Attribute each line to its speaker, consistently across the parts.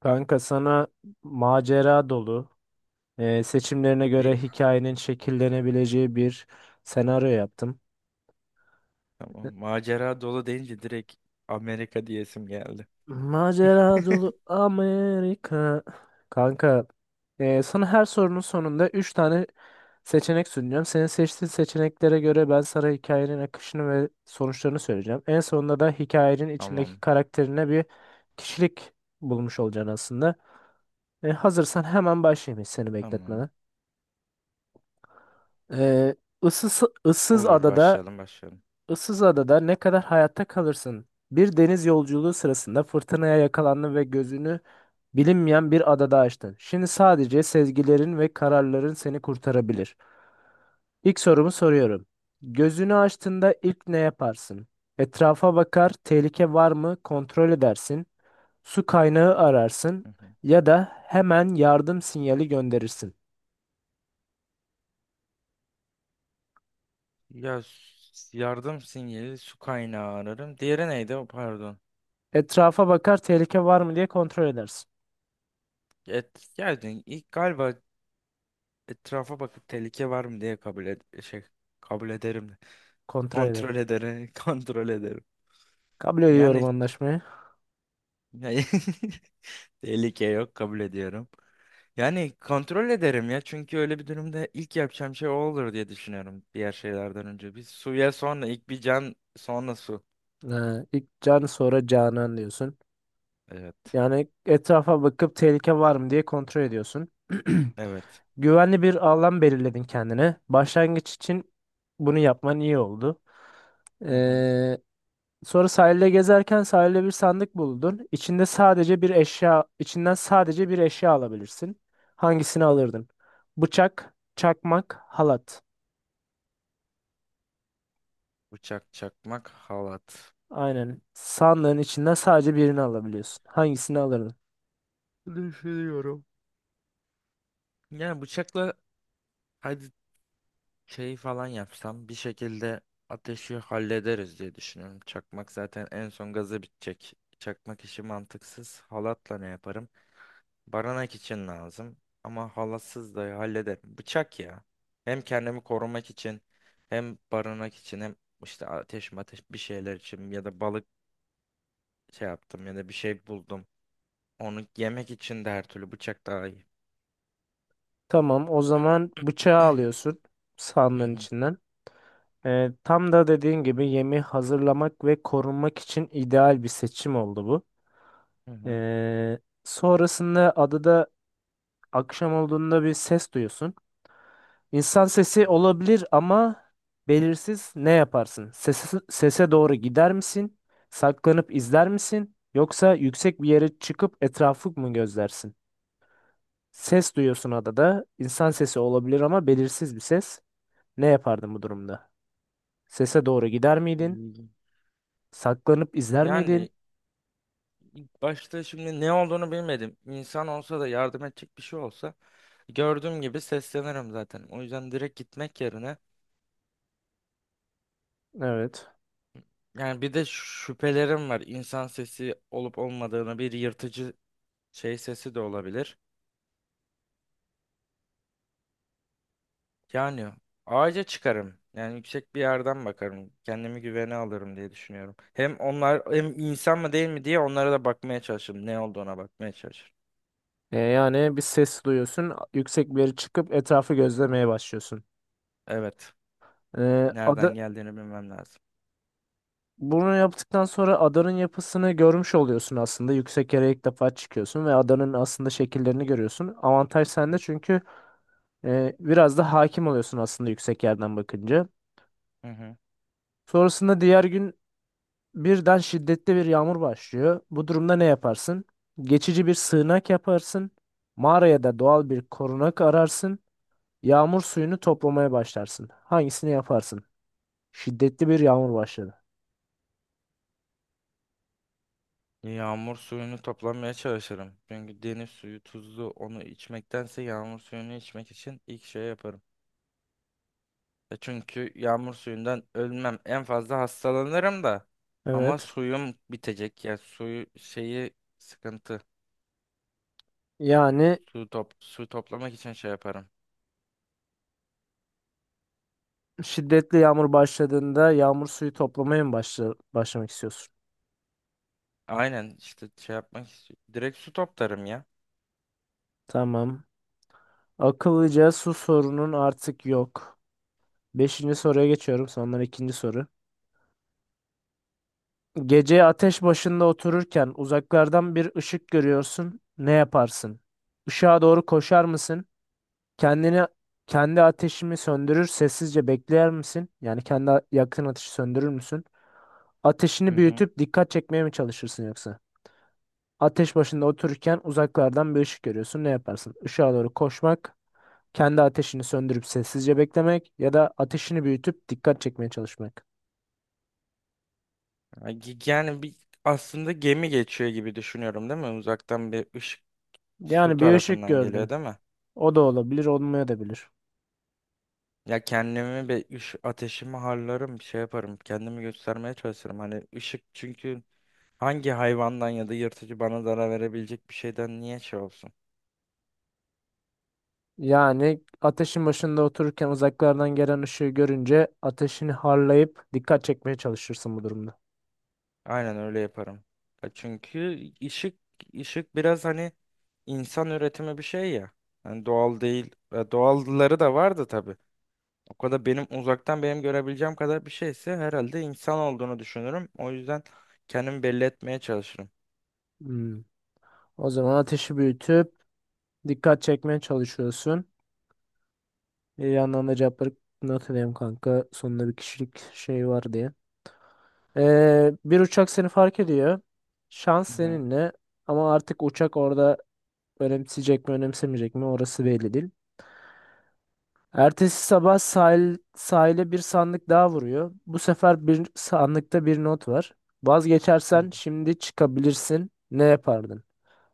Speaker 1: Kanka sana macera dolu, seçimlerine
Speaker 2: Bir
Speaker 1: göre hikayenin şekillenebileceği bir senaryo yaptım.
Speaker 2: tamam.
Speaker 1: E,
Speaker 2: Macera dolu deyince direkt Amerika diyesim geldi.
Speaker 1: Macera dolu Amerika. Kanka, sana her sorunun sonunda 3 tane seçenek sunacağım. Senin seçtiğin seçeneklere göre ben sana hikayenin akışını ve sonuçlarını söyleyeceğim. En sonunda da hikayenin içindeki
Speaker 2: Tamam.
Speaker 1: karakterine bir kişilik bulmuş olacaksın aslında. Hazırsan hemen başlayayım hiç seni
Speaker 2: Tamam.
Speaker 1: bekletmeden. Ee, ıssız, ıssız
Speaker 2: Olur,
Speaker 1: adada,
Speaker 2: başlayalım, başlayalım.
Speaker 1: ıssız adada ne kadar hayatta kalırsın? Bir deniz yolculuğu sırasında fırtınaya yakalandın ve gözünü bilinmeyen bir adada açtın. Şimdi sadece sezgilerin ve kararların seni kurtarabilir. İlk sorumu soruyorum. Gözünü açtığında ilk ne yaparsın? Etrafa bakar, tehlike var mı kontrol edersin, su kaynağı ararsın
Speaker 2: Hı hı.
Speaker 1: ya da hemen yardım sinyali gönderirsin.
Speaker 2: Ya yardım sinyali, su kaynağı ararım. Diğeri neydi? O, pardon.
Speaker 1: Etrafa bakar, tehlike var mı diye kontrol edersin.
Speaker 2: Et, geldin. İlk galiba etrafa bakıp tehlike var mı diye kabul ed şey kabul ederim.
Speaker 1: Kontrol edersin.
Speaker 2: Kontrol ederim. Kontrol ederim.
Speaker 1: Kabul ediyorum
Speaker 2: Yani
Speaker 1: anlaşmayı.
Speaker 2: yani tehlike yok, kabul ediyorum. Yani kontrol ederim ya, çünkü öyle bir durumda ilk yapacağım şey o olur diye düşünüyorum, diğer şeylerden önce. Bir suya, sonra ilk bir can sonra su.
Speaker 1: Ee, ilk Can sonra Canan diyorsun.
Speaker 2: Evet.
Speaker 1: Yani etrafa bakıp tehlike var mı diye kontrol ediyorsun.
Speaker 2: Evet.
Speaker 1: Güvenli bir alan belirledin kendine. Başlangıç için bunu yapman iyi oldu.
Speaker 2: Hı hı.
Speaker 1: Ee, sonra sahilde gezerken sahilde bir sandık buldun. İçinden sadece bir eşya alabilirsin. Hangisini alırdın? Bıçak, çakmak, halat.
Speaker 2: Bıçak, çakmak, halat.
Speaker 1: Aynen. Sandığın içinden sadece birini alabiliyorsun. Hangisini alırdın?
Speaker 2: Biliyorum. Yani bıçakla, hadi şey falan yapsam bir şekilde ateşi hallederiz diye düşünüyorum. Çakmak zaten en son gazı bitecek. Çakmak işi mantıksız. Halatla ne yaparım? Barınak için lazım. Ama halasız da hallederim. Bıçak ya. Hem kendimi korumak için, hem barınak için, hem işte ateş bir şeyler için, ya da balık şey yaptım ya da bir şey buldum. Onu yemek için de, her türlü bıçak daha iyi.
Speaker 1: Tamam, o zaman bıçağı alıyorsun
Speaker 2: Hı
Speaker 1: sandığın
Speaker 2: hı,
Speaker 1: içinden. Tam da dediğin gibi yemi hazırlamak ve korunmak için ideal bir seçim oldu bu.
Speaker 2: hı hı.
Speaker 1: Ee, sonrasında adada akşam olduğunda bir ses duyuyorsun. İnsan sesi
Speaker 2: Hmm.
Speaker 1: olabilir ama belirsiz ne yaparsın? Sese doğru gider misin? Saklanıp izler misin? Yoksa yüksek bir yere çıkıp etrafı mı gözlersin? Ses duyuyorsun adada. İnsan sesi olabilir ama belirsiz bir ses. Ne yapardın bu durumda? Sese doğru gider miydin? Saklanıp izler miydin?
Speaker 2: Yani ilk başta şimdi ne olduğunu bilmedim. İnsan olsa da, yardım edecek bir şey olsa, gördüğüm gibi seslenirim zaten. O yüzden direkt gitmek yerine,
Speaker 1: Evet.
Speaker 2: yani bir de şüphelerim var. İnsan sesi olup olmadığını, bir yırtıcı şey sesi de olabilir. Yani ağaca çıkarım. Yani yüksek bir yerden bakarım. Kendimi güvene alırım diye düşünüyorum. Hem onlar hem insan mı değil mi diye, onlara da bakmaya çalışırım. Ne olduğuna bakmaya çalışırım.
Speaker 1: Yani bir ses duyuyorsun. Yüksek bir yere çıkıp etrafı gözlemeye başlıyorsun.
Speaker 2: Evet.
Speaker 1: E,
Speaker 2: Nereden
Speaker 1: ada,
Speaker 2: geldiğini bilmem lazım.
Speaker 1: bunu yaptıktan sonra adanın yapısını görmüş oluyorsun aslında. Yüksek yere ilk defa çıkıyorsun ve adanın aslında şekillerini görüyorsun. Avantaj sende çünkü biraz da hakim oluyorsun aslında yüksek yerden bakınca.
Speaker 2: Hı hı.
Speaker 1: Sonrasında diğer gün birden şiddetli bir yağmur başlıyor. Bu durumda ne yaparsın? Geçici bir sığınak yaparsın. Mağaraya da doğal bir korunak ararsın. Yağmur suyunu toplamaya başlarsın. Hangisini yaparsın? Şiddetli bir yağmur başladı.
Speaker 2: Yağmur suyunu toplamaya çalışırım. Çünkü deniz suyu tuzlu. Onu içmektense yağmur suyunu içmek için ilk şey yaparım. E çünkü yağmur suyundan ölmem. En fazla hastalanırım da. Ama
Speaker 1: Evet.
Speaker 2: suyum bitecek. Ya suyu şeyi sıkıntı.
Speaker 1: Yani
Speaker 2: Su toplamak için şey yaparım.
Speaker 1: şiddetli yağmur başladığında yağmur suyu toplamaya mı başlamak istiyorsun?
Speaker 2: Aynen işte şey yapmak için. Direkt su toplarım ya.
Speaker 1: Tamam. Akıllıca su sorunun artık yok. Beşinci soruya geçiyorum. Sondan ikinci soru. Gece ateş başında otururken uzaklardan bir ışık görüyorsun. Ne yaparsın? Işığa doğru koşar mısın? Kendini kendi ateşimi söndürür, sessizce bekler misin? Yani yakın ateşi söndürür müsün?
Speaker 2: Hı
Speaker 1: Ateşini
Speaker 2: hı.
Speaker 1: büyütüp dikkat çekmeye mi çalışırsın yoksa? Ateş başında otururken uzaklardan bir ışık görüyorsun. Ne yaparsın? Işığa doğru koşmak, kendi ateşini söndürüp sessizce beklemek ya da ateşini büyütüp dikkat çekmeye çalışmak.
Speaker 2: Yani bir, aslında gemi geçiyor gibi düşünüyorum değil mi? Uzaktan bir ışık su
Speaker 1: Yani bir ışık
Speaker 2: tarafından geliyor
Speaker 1: gördün.
Speaker 2: değil mi?
Speaker 1: O da olabilir, olmaya da bilir.
Speaker 2: Ya kendimi bir ış Ateşimi harlarım, bir şey yaparım. Kendimi göstermeye çalışırım. Hani ışık çünkü, hangi hayvandan ya da yırtıcı bana zarar verebilecek bir şeyden niye şey olsun?
Speaker 1: Yani ateşin başında otururken uzaklardan gelen ışığı görünce ateşini harlayıp dikkat çekmeye çalışırsın bu durumda.
Speaker 2: Aynen öyle yaparım. Ya çünkü ışık biraz hani insan üretimi bir şey ya. Hani doğal değil. Ya doğalları da vardı tabii. O kadar uzaktan benim görebileceğim kadar bir şeyse, herhalde insan olduğunu düşünürüm. O yüzden kendimi belli etmeye çalışırım.
Speaker 1: Hmm. O zaman ateşi büyütüp dikkat çekmeye çalışıyorsun. Bir yandan da cevapları hatırlayayım kanka. Sonunda bir kişilik şey var diye. Bir uçak seni fark ediyor. Şans
Speaker 2: Hı hı.
Speaker 1: seninle. Ama artık uçak orada önemseyecek mi önemsemeyecek mi orası belli değil. Ertesi sabah sahile bir sandık daha vuruyor. Bu sefer bir sandıkta bir not var.
Speaker 2: Hı hı.
Speaker 1: Vazgeçersen şimdi çıkabilirsin. Ne yapardın?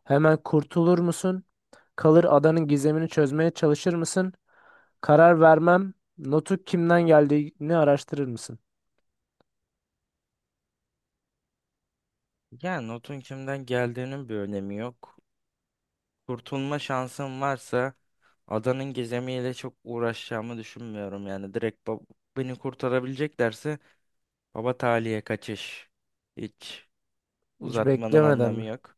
Speaker 1: Hemen kurtulur musun? Kalır adanın gizemini çözmeye çalışır mısın? Karar vermem. Notu kimden geldiğini araştırır mısın?
Speaker 2: Yani notun kimden geldiğinin bir önemi yok. Kurtulma şansım varsa, adanın gizemiyle çok uğraşacağımı düşünmüyorum. Yani beni kurtarabileceklerse, baba taliye kaçış. Hiç
Speaker 1: Hiç
Speaker 2: uzatmanın
Speaker 1: beklemeden
Speaker 2: anlamı
Speaker 1: mi?
Speaker 2: yok.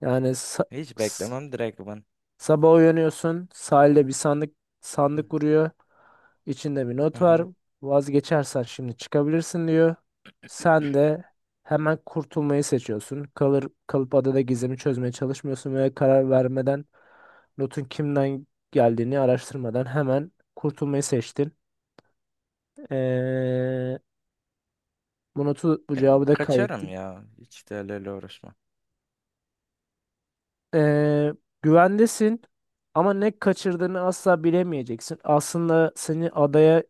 Speaker 1: Yani sa-
Speaker 2: Hiç
Speaker 1: s-
Speaker 2: beklemem direkt ben.
Speaker 1: sabah uyanıyorsun, sahilde bir
Speaker 2: Hı
Speaker 1: sandık vuruyor. İçinde bir
Speaker 2: hı.
Speaker 1: not var.
Speaker 2: Hı.
Speaker 1: Vazgeçersen şimdi çıkabilirsin diyor. Sen de hemen kurtulmayı seçiyorsun. Kalır kalıp adada gizemi çözmeye çalışmıyorsun ve karar vermeden notun kimden geldiğini araştırmadan hemen kurtulmayı seçtin. Ee, bu notu bu
Speaker 2: Ya,
Speaker 1: cevabı da
Speaker 2: kaçarım
Speaker 1: kaydettim.
Speaker 2: ya. Hiç değerlerle uğraşmam.
Speaker 1: Ee, güvendesin ama ne kaçırdığını asla bilemeyeceksin. Aslında seni adaya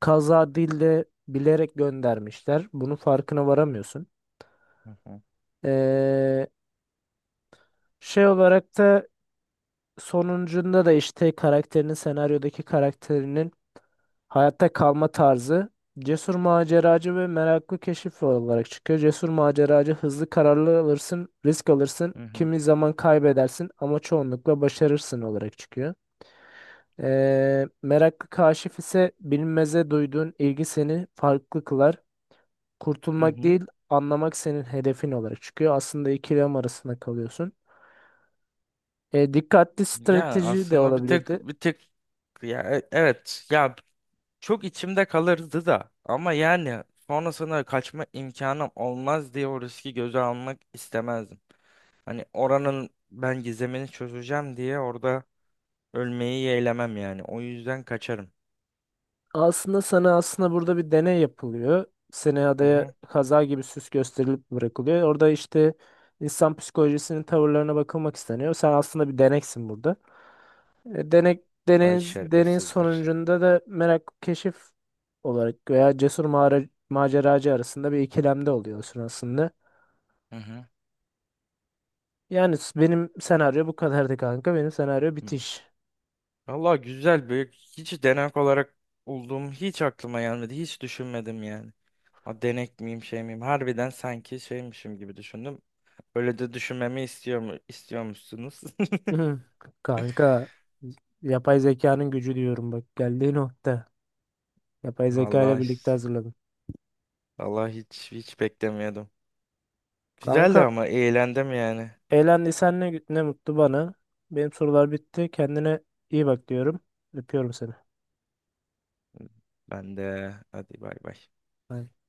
Speaker 1: kaza değil de bilerek göndermişler. Bunun farkına varamıyorsun.
Speaker 2: Hı hı.
Speaker 1: Ee, şey olarak da sonuncunda da işte senaryodaki karakterinin hayatta kalma tarzı cesur maceracı ve meraklı keşif olarak çıkıyor. Cesur maceracı hızlı kararlar alırsın, risk alırsın,
Speaker 2: Hı hı.
Speaker 1: kimi zaman kaybedersin ama çoğunlukla başarırsın olarak çıkıyor. Meraklı kaşif ise bilinmeze duyduğun ilgi seni farklı kılar.
Speaker 2: Hı
Speaker 1: Kurtulmak
Speaker 2: hı.
Speaker 1: değil, anlamak senin hedefin olarak çıkıyor. Aslında ikilem arasında kalıyorsun. Dikkatli
Speaker 2: Ya
Speaker 1: strateji de
Speaker 2: aslında
Speaker 1: olabilirdi.
Speaker 2: bir tek, evet ya, çok içimde kalırdı da, ama yani sonrasında kaçma imkanım olmaz diye o riski göze almak istemezdim. Hani oranın ben gizemini çözeceğim diye orada ölmeyi yeğlemem yani. O yüzden kaçarım.
Speaker 1: Aslında burada bir deney yapılıyor. Seni
Speaker 2: Hı
Speaker 1: adaya
Speaker 2: hı.
Speaker 1: kaza gibi süs gösterilip bırakılıyor. Orada işte insan psikolojisinin tavırlarına bakılmak isteniyor. Sen aslında bir deneksin burada. Denek,
Speaker 2: Vay
Speaker 1: deneyin
Speaker 2: şerefsizler.
Speaker 1: sonucunda da merak keşif olarak veya maceracı arasında bir ikilemde oluyorsun aslında.
Speaker 2: Hı hı.
Speaker 1: Benim senaryo bu kadardı kanka. Benim senaryo
Speaker 2: Hı.
Speaker 1: bitiş.
Speaker 2: Valla güzel, büyük hiç denek olarak olduğum hiç aklıma gelmedi. Hiç düşünmedim yani. A, denek miyim, şey miyim? Harbiden sanki şeymişim gibi düşündüm. Öyle de düşünmemi istiyormuşsunuz?
Speaker 1: Kanka yapay zekanın gücü diyorum bak geldiği nokta. Yapay zeka ile
Speaker 2: Vallahi
Speaker 1: birlikte hazırladım.
Speaker 2: Vallahi hiç beklemiyordum. Güzeldi
Speaker 1: Kanka
Speaker 2: ama, eğlendim yani.
Speaker 1: eğlendiysen ne mutlu bana. Benim sorular bitti. Kendine iyi bak diyorum. Öpüyorum seni.
Speaker 2: Ben de. Hadi bay bay.
Speaker 1: Bay bay.